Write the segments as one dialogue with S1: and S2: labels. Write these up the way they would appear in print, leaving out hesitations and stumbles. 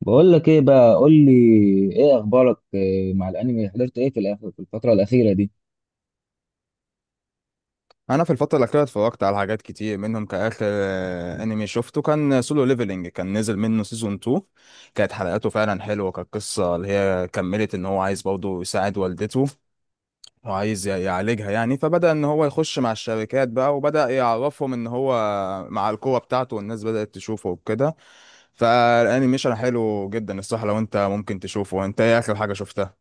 S1: بقول لك ايه بقى، قول لي ايه اخبارك. إيه مع الانمي؟ حضرت ايه في في الفتره الاخيره دي؟
S2: انا في الفتره الاخيره اتفرجت على حاجات كتير منهم كاخر، انمي شفته كان سولو ليفلنج. كان نزل منه سيزون 2. كانت حلقاته فعلا حلوه. كانت قصه اللي هي كملت ان هو عايز برضه يساعد والدته، وعايز يعالجها يعني. فبدا ان هو يخش مع الشركات بقى، وبدا يعرفهم ان هو مع القوه بتاعته، والناس بدات تشوفه وكده. فالانيميشن حلو جدا الصراحه، لو انت ممكن تشوفه. انت ايه اخر حاجه شفتها؟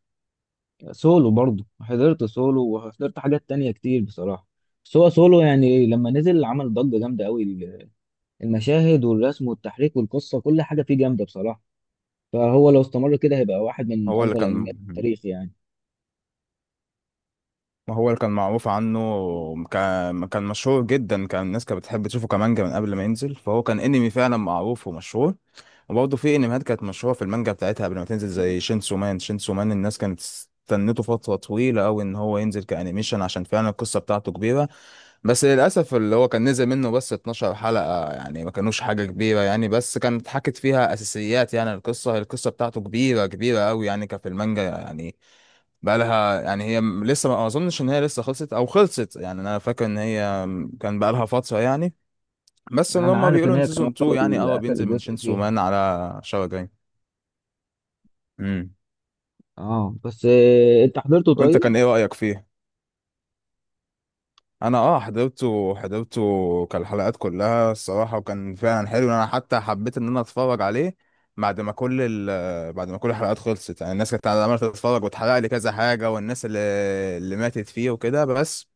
S1: سولو برضو حضرت، سولو وحضرت حاجات تانية كتير بصراحه. بس هو سولو يعني لما نزل عمل ضجه جامده قوي. المشاهد والرسم والتحريك والقصه، كل حاجه فيه جامده بصراحه. فهو لو استمر كده هيبقى واحد من
S2: هو اللي
S1: افضل
S2: كان،
S1: الانميات في التاريخ يعني.
S2: ما هو اللي كان معروف عنه. كان مشهور جدا، كان الناس كانت بتحب تشوفه كمانجا من قبل ما ينزل، فهو كان انمي فعلا معروف ومشهور. وبرضه في انميات كانت مشهوره في المانجا بتاعتها قبل ما تنزل، زي شينسو مان. شينسو مان الناس كانت استنته فتره طويله قوي ان هو ينزل كانيميشن، عشان فعلا القصه بتاعته كبيره. بس للاسف اللي هو كان نزل منه بس 12 حلقه يعني، ما كانوش حاجه كبيره يعني، بس كانت اتحكت فيها اساسيات يعني. القصه بتاعته كبيره كبيره قوي يعني، كان في المانجا يعني. بقى لها يعني، هي لسه، ما اظنش ان هي لسه خلصت او خلصت يعني. انا فاكر ان هي كان بقى لها فتره يعني. بس اللي
S1: انا
S2: هم
S1: عارف
S2: بيقولوا
S1: ان
S2: ان
S1: هي كان هو
S2: سيزون 2 يعني اه
S1: اخر
S2: بينزل من
S1: جزء
S2: شينسو
S1: فيها.
S2: مان على شهر جاي. امم.
S1: اه، بس إيه انت حضرته؟
S2: وانت
S1: طيب.
S2: كان ايه رايك فيه؟ انا حضرته كان الحلقات كلها الصراحه، وكان فعلا حلو. انا حتى حبيت ان انا اتفرج عليه بعد ما كل بعد ما كل الحلقات خلصت يعني، الناس كانت عماله تتفرج وتحرق لي كذا حاجه، والناس اللي ماتت فيه وكده، بس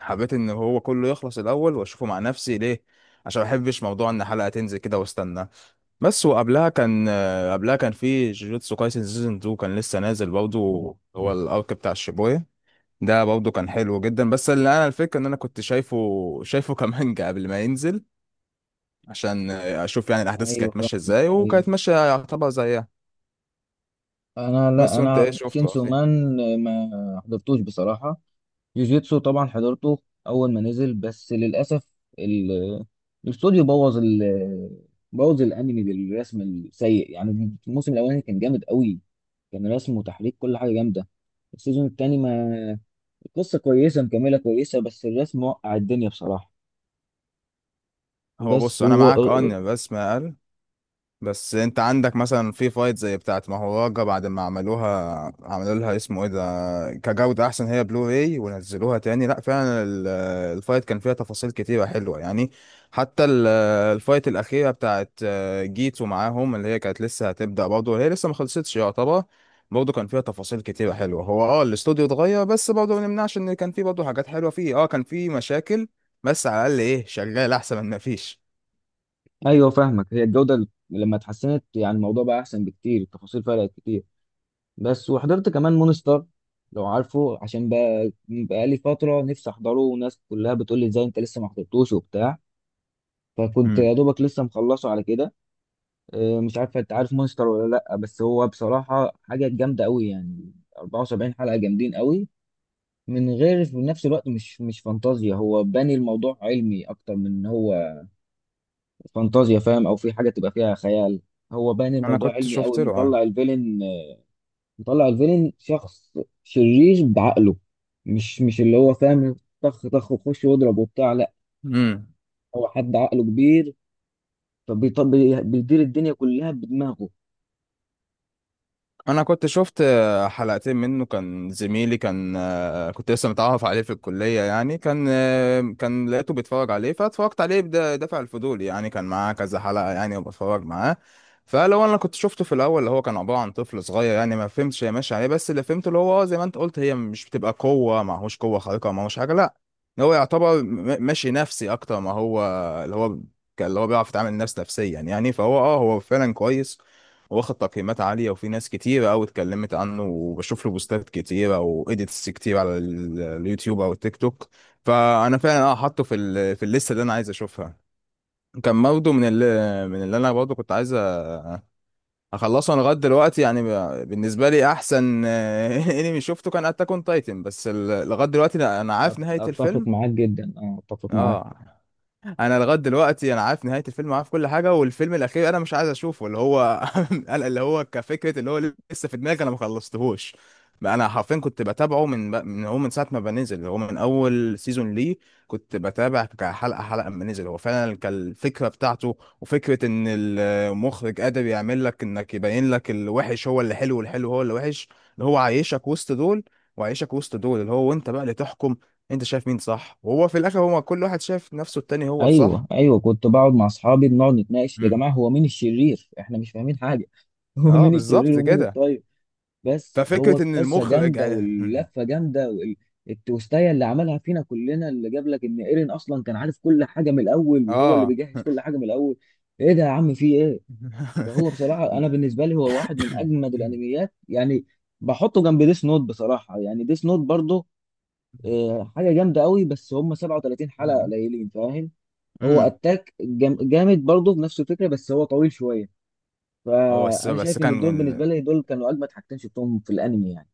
S2: حبيت ان هو كله يخلص الاول واشوفه مع نفسي ليه، عشان ما بحبش موضوع ان حلقه تنزل كده واستنى. بس، وقبلها كان آه، قبلها كان في جوجوتسو كايسن سيزون 2، كان لسه نازل برضه. هو الارك بتاع الشيبويه ده، برضه كان حلو جدا. بس اللي انا الفكره ان انا كنت شايفه كمانجا قبل ما ينزل، عشان اشوف يعني الاحداث
S1: ايوه
S2: كانت
S1: فاهم.
S2: ماشيه ازاي،
S1: ايوه.
S2: وكانت ماشيه يعتبر زيها.
S1: انا لا،
S2: بس، وانت ايه
S1: انا
S2: شفته يا
S1: شينسو
S2: اخي؟
S1: مان ما حضرتوش بصراحه. جوجيتسو طبعا حضرته اول ما نزل، بس للاسف ال- الاستوديو بوظ ال بوظ الانمي بالرسم السيء. يعني الموسم الاولاني كان جامد قوي، كان رسم وتحريك كل حاجه جامده. السيزون التاني ما، القصه كويسه، مكمله كويسه، بس الرسم وقع الدنيا بصراحه.
S2: هو
S1: بس
S2: بص، انا معاك اه ان الرسم اقل. بس انت عندك مثلا في فايت زي بتاعت مهوراجا، بعد ما عملوها عملوا لها اسمه ايه ده كجودة احسن، هي بلو راي ونزلوها تاني. لا فعلا الفايت كان فيها تفاصيل كتيرة حلوة يعني. حتى الفايت الأخيرة بتاعت جيتو معاهم، اللي هي كانت لسه هتبدأ برضه، هي لسه ما خلصتش يعتبر. برضه كان فيها تفاصيل كتيرة حلوة. هو الاستوديو اتغير، بس برضه ما نمنعش ان كان فيه برضه حاجات حلوة فيه، كان فيه مشاكل. بس على الأقل ايه، شغال أحسن من ما فيش.
S1: ايوه فاهمك، هي الجوده لما اتحسنت يعني الموضوع بقى احسن بكتير، التفاصيل فرقت كتير. بس وحضرت كمان مونستر لو عارفه، عشان بقى بقالي فترة نفسي أحضره وناس كلها بتقول لي إزاي أنت لسه ما حضرتوش وبتاع، فكنت يا
S2: امم.
S1: دوبك لسه مخلصه على كده. مش عارف أنت عارف مونستر ولا لأ، بس هو بصراحة حاجة جامدة أوي يعني. 74 حلقة جامدين أوي من غير في نفس الوقت. مش فانتازيا، هو باني الموضوع علمي أكتر من إن هو فانتازيا، فاهم؟ أو في حاجة تبقى فيها خيال. هو باني
S2: انا
S1: الموضوع
S2: كنت
S1: علمي أوي،
S2: شفت له اه.
S1: مطلع الفيلن، مطلع الفيلن شخص شرير بعقله. مش اللي هو فاهم طخ طخ وخش واضرب وبتاع، لا.
S2: امم.
S1: هو حد عقله كبير، بيدير الدنيا كلها بدماغه.
S2: انا كنت شفت حلقتين منه، كان زميلي كان، كنت لسه متعرف عليه في الكليه يعني، كان كان لقيته بيتفرج عليه فاتفرجت عليه بدافع الفضول يعني، كان معاه كذا حلقه يعني وبتفرج معاه. فلو انا كنت شفته في الاول، اللي هو كان عباره عن طفل صغير يعني، ما فهمتش هي ماشيه عليه. بس اللي فهمته اللي هو زي ما انت قلت، هي مش بتبقى قوه، معهوش قوه خارقه، معهوش حاجه، لا. إن هو يعتبر ماشي نفسي اكتر، ما هو اللي هو اللي هو بيعرف يتعامل نفسيا يعني. فهو اه هو فعلا كويس، واخد تقييمات عالية، وفي ناس كتيرة أوي اتكلمت عنه، وبشوف له بوستات كتيرة وإيديتس كتير على اليوتيوب أو التيك توك. فأنا فعلا حاطه في الليستة اللي أنا عايز أشوفها. كان برضه من اللي أنا برضه كنت عايز أخلصه. أنا لغاية دلوقتي يعني بالنسبة لي أحسن أنمي شفته كان أتاك أون تايتن. بس لغاية دلوقتي أنا عارف نهاية
S1: اتفق
S2: الفيلم.
S1: معاك جدا، اه اتفق معاك.
S2: أه. انا لغايه دلوقتي انا عارف نهايه الفيلم، عارف كل حاجه، والفيلم الاخير انا مش عايز اشوفه، اللي هو اللي هو كفكره اللي هو لسه في دماغي، انا ما خلصتهوش. انا حرفيا كنت بتابعه من هو من ساعه ما بنزل، اللي هو من اول سيزون ليه. كنت بتابع كحلقه حلقه ما نزل. هو فعلا كان الفكره بتاعته، وفكره ان المخرج قادر يعمل لك انك، يبين لك الوحش هو اللي حلو والحلو هو اللي وحش، اللي هو عايشك وسط دول، وعايشك وسط دول اللي هو، وانت بقى اللي تحكم. انت شايف مين صح، وهو في الاخر هو كل واحد شايف نفسه التاني هو
S1: ايوه
S2: الصح.
S1: ايوه، كنت بقعد مع اصحابي، بنقعد نتناقش يا
S2: امم.
S1: جماعه هو مين الشرير، احنا مش فاهمين حاجه. هو
S2: اه
S1: مين الشرير
S2: بالظبط
S1: ومين
S2: كده.
S1: الطيب؟ بس هو
S2: ففكرة ان
S1: القصه
S2: المخرج
S1: جامده واللفه جامده التويستايه اللي عملها فينا كلنا، اللي جاب لك ان ايرين اصلا كان عارف كل حاجه من الاول، وهو اللي
S2: اه.
S1: بيجهز كل حاجه من الاول. ايه ده يا عم، في ايه؟ فهو بصراحه انا بالنسبه لي هو واحد من اجمد الانميات يعني. بحطه جنب ديس نوت بصراحه، يعني ديس نوت برضه حاجه جامده قوي، بس هم 37 حلقه قليلين، فاهم. هو
S2: امم.
S1: اتاك جامد برضه بنفس الفكره، بس هو طويل شويه.
S2: هو بس
S1: فانا
S2: بس
S1: شايف ان دول
S2: كان،
S1: بالنسبه لي دول كانوا اجمد حاجتين شفتهم في الانمي يعني.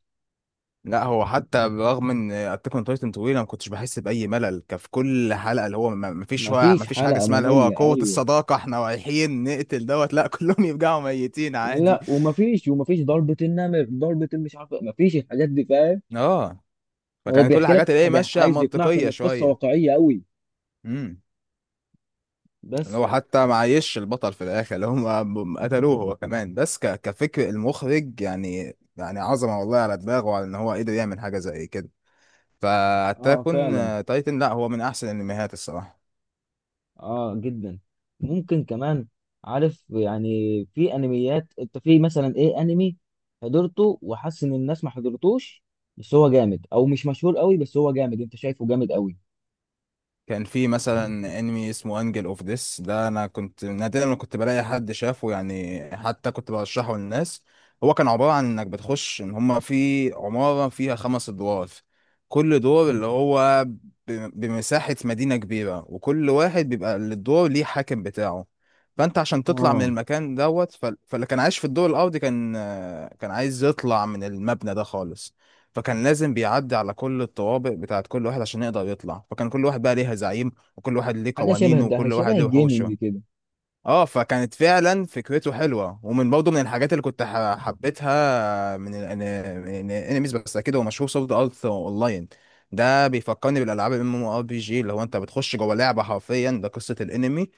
S2: لا، هو حتى برغم ان اتاك اون تايتن طويل انا ما كنتش بحس باي ملل، كان في كل حلقه اللي هو ما فيش، هو
S1: مفيش
S2: ما فيش حاجه
S1: حلقة
S2: اسمها اللي هو
S1: مملة،
S2: قوه
S1: ايوه.
S2: الصداقه. احنا رايحين نقتل دوت، لا كلهم يرجعوا ميتين عادي.
S1: لا، ومفيش، ومفيش ضربة النمر، ضربة المش عارف، مفيش الحاجات دي، فاهم.
S2: اه.
S1: هو
S2: فكان كل
S1: بيحكي
S2: الحاجات
S1: لك
S2: اللي هي ماشيه
S1: عايز يقنعك ان
S2: منطقيه
S1: القصة
S2: شويه.
S1: واقعية قوي.
S2: امم. اللي
S1: بس.
S2: هو حتى ما عايش البطل في الاخر اللي هم قتلوه هو كمان، بس كفكر المخرج يعني عظمه والله على دماغه، وعلى ان هو قدر يعمل حاجه زي كده.
S1: اه
S2: فاتاكون
S1: فعلا.
S2: تايتن، لا، هو من احسن الانميات الصراحه.
S1: اه جدا. ممكن كمان. عارف يعني، في انميات انت في مثلا ايه انمي حضرته وحاسس ان الناس ما حضرتوش، بس هو جامد، او مش مشهور قوي بس هو جامد انت شايفه جامد قوي.
S2: كان في مثلا انمي اسمه انجل اوف ديس، ده انا كنت نادرا ما كنت بلاقي حد شافه يعني، حتى كنت برشحه للناس. هو كان عبارة عن انك بتخش ان هما في عمارة فيها خمس ادوار، كل دور اللي هو بمساحة مدينة كبيرة، وكل واحد بيبقى الدور ليه حاكم بتاعه. فانت عشان تطلع من
S1: اه،
S2: المكان دوت، فاللي كان عايش في الدور الارضي كان عايز يطلع من المبنى ده خالص. فكان لازم بيعدي على كل الطوابق بتاعت كل واحد عشان يقدر يطلع، فكان كل واحد بقى ليها زعيم، وكل واحد ليه
S1: حاجة شبه
S2: قوانينه،
S1: ده،
S2: وكل واحد
S1: شبه
S2: ليه وحوشه.
S1: الجيمنج كده.
S2: اه. فكانت فعلا فكرته حلوه، ومن برضه من الحاجات اللي كنت حبيتها من الانميز. بس اكيد هو مشهور، سورد ارت اونلاين. ده بيفكرني بالالعاب الMMORPG، اللي هو انت بتخش جوه لعبه حرفيا، ده قصه الانمي،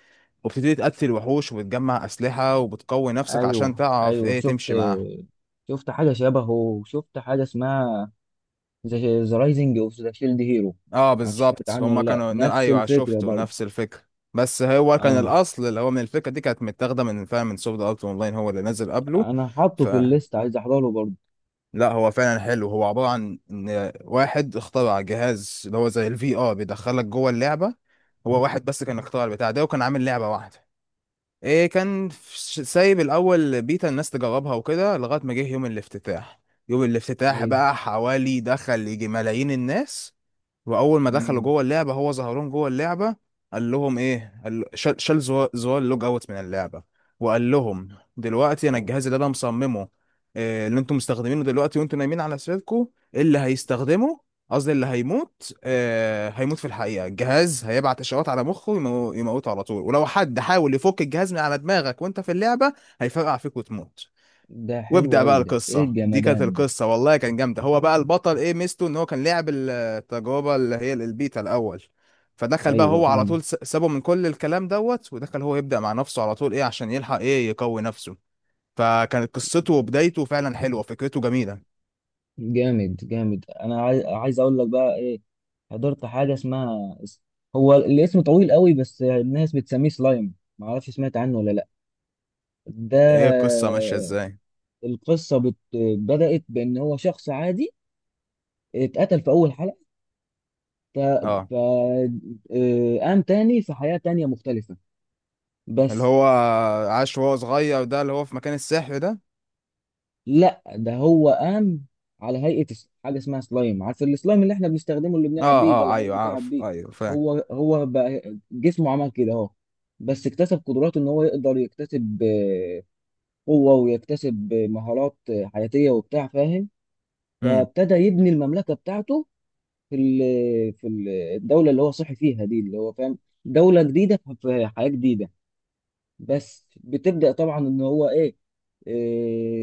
S2: وبتبتدي تقتل وحوش، وبتجمع اسلحه، وبتقوي نفسك عشان
S1: ايوه
S2: تعرف
S1: ايوه
S2: ايه
S1: شفت،
S2: تمشي معاهم.
S1: شفت حاجه شبهه وشفت حاجه اسمها ذا رايزنج اوف ذا شيلد هيرو.
S2: اه
S1: معرفش سمعت
S2: بالظبط،
S1: عنه
S2: هما
S1: ولا لا،
S2: كانوا
S1: نفس
S2: ايوه،
S1: الفكره
S2: شفته
S1: برضه.
S2: نفس الفكره. بس هو كان
S1: اه.
S2: الاصل اللي هو، من الفكره دي كانت متاخده من، فعلا، من سوفت ارت اونلاين، هو اللي نزل قبله.
S1: انا حاطه
S2: ف،
S1: في الليست عايز احضره برضه.
S2: لا، هو فعلا حلو. هو عباره عن ان واحد اخترع جهاز اللي هو زي الفي ار، بيدخلك جوه اللعبه. هو واحد بس كان اخترع البتاع ده، وكان عامل لعبه واحده. ايه، كان سايب الاول بيتا الناس تجربها وكده لغايه ما جه يوم الافتتاح. يوم الافتتاح
S1: ايوه.
S2: بقى، حوالي، دخل يجي ملايين الناس. واول ما دخلوا
S1: امم.
S2: جوه اللعبه، هو ظهر لهم جوه اللعبه. قال لهم ايه، قال شال زوار اللوج اوت من اللعبه. وقال لهم، دلوقتي انا
S1: أوف.
S2: الجهاز اللي انا مصممه، إيه اللي انتم مستخدمينه دلوقتي وانتم نايمين على سريركم، اللي هيستخدمه، قصدي اللي هيموت في الحقيقه، الجهاز هيبعت اشارات على مخه، يموته على طول. ولو حد حاول يفك الجهاز من على دماغك وانت في اللعبه، هيفرقع فيك وتموت.
S1: ده حلو
S2: وابدأ بقى
S1: قوي ده، ايه
S2: القصة. دي كانت
S1: الجمدان ده.
S2: القصة والله، كان جامدة. هو بقى البطل ايه ميزته، ان هو كان لعب التجربة اللي هي البيتا الأول. فدخل بقى
S1: ايوه
S2: هو على
S1: فاهمه.
S2: طول، سابه من كل الكلام دوت، ودخل هو يبدأ مع نفسه على طول، ايه عشان يلحق، ايه يقوي نفسه. فكانت قصته وبدايته فعلا حلوة، فكرته جميلة.
S1: جامد جامد، انا عايز، عايز اقول لك بقى ايه، حضرت حاجه اسمها، هو الاسم طويل قوي بس الناس بتسميه سلايم، معرفش سمعت عنه ولا لا. ده
S2: ايه القصة ماشية ازاي؟
S1: القصة بدأت بإن هو شخص عادي اتقتل في أول حلقة. ف...
S2: اه.
S1: ف... آه، قام تاني في حياة تانية مختلفة،
S2: اللي
S1: بس
S2: هو عاش وهو صغير ده، اللي هو في مكان السحر ده.
S1: لا، ده هو قام على هيئة حاجة اسمها سلايم. عارف السلايم اللي احنا بنستخدمه، اللي
S2: اه.
S1: بنلعب بيه ده
S2: اه.
S1: العيال
S2: ايوه
S1: بتلعب
S2: عارف.
S1: بيه.
S2: ايوه فاهم.
S1: هو بقى جسمه عمل كده اهو، بس اكتسب قدرات ان هو يقدر يكتسب قوة، ويكتسب مهارات حياتية وبتاع، فاهم.
S2: امم.
S1: فابتدى يبني المملكة بتاعته الدوله اللي هو صحي فيها دي، اللي هو فاهم، دوله جديده في حياه جديده. بس بتبدا طبعا ان هو ايه، آه،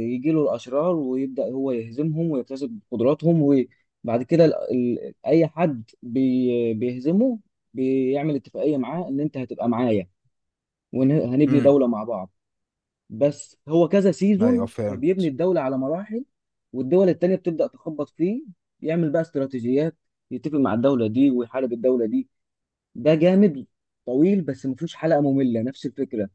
S1: يجي له الاشرار ويبدا هو يهزمهم ويكتسب قدراتهم. وبعد كده اي حد بيهزمه بيعمل اتفاقيه معاه ان انت هتبقى معايا وهنبني
S2: امم.
S1: دوله مع بعض. بس هو كذا
S2: ايوه
S1: سيزون، فبيبني
S2: فهمت.
S1: الدولة على مراحل، والدول التانية بتبدأ تخبط فيه، يعمل بقى استراتيجيات، يتفق مع الدولة دي ويحارب الدولة دي. ده جامد، طويل بس مفيهوش حلقة مملة، نفس الفكرة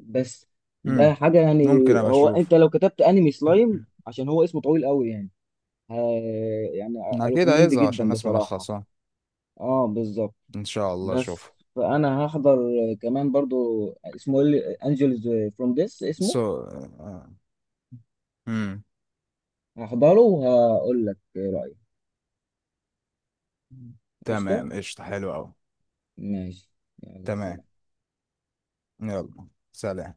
S1: بس. ده
S2: امم.
S1: حاجة يعني.
S2: ممكن ابقى
S1: هو
S2: اشوف.
S1: انت لو كتبت انمي سلايم، عشان هو اسمه طويل قوي يعني، ها، يعني
S2: أكيد
S1: اريكومند
S2: هيظهر عشان
S1: جدا
S2: الناس
S1: بصراحة.
S2: ملخصة.
S1: اه بالظبط.
S2: إن شاء الله
S1: بس
S2: أشوف.
S1: فانا هحضر كمان برضو اسمه انجلز فروم ديس اسمه،
S2: سو. امم.
S1: هحضره وهقول لك ايه رأيي. قشطة،
S2: تمام. قشطة. حلو أوي.
S1: ماشي، يلا
S2: تمام.
S1: سلام.
S2: يلا سلام.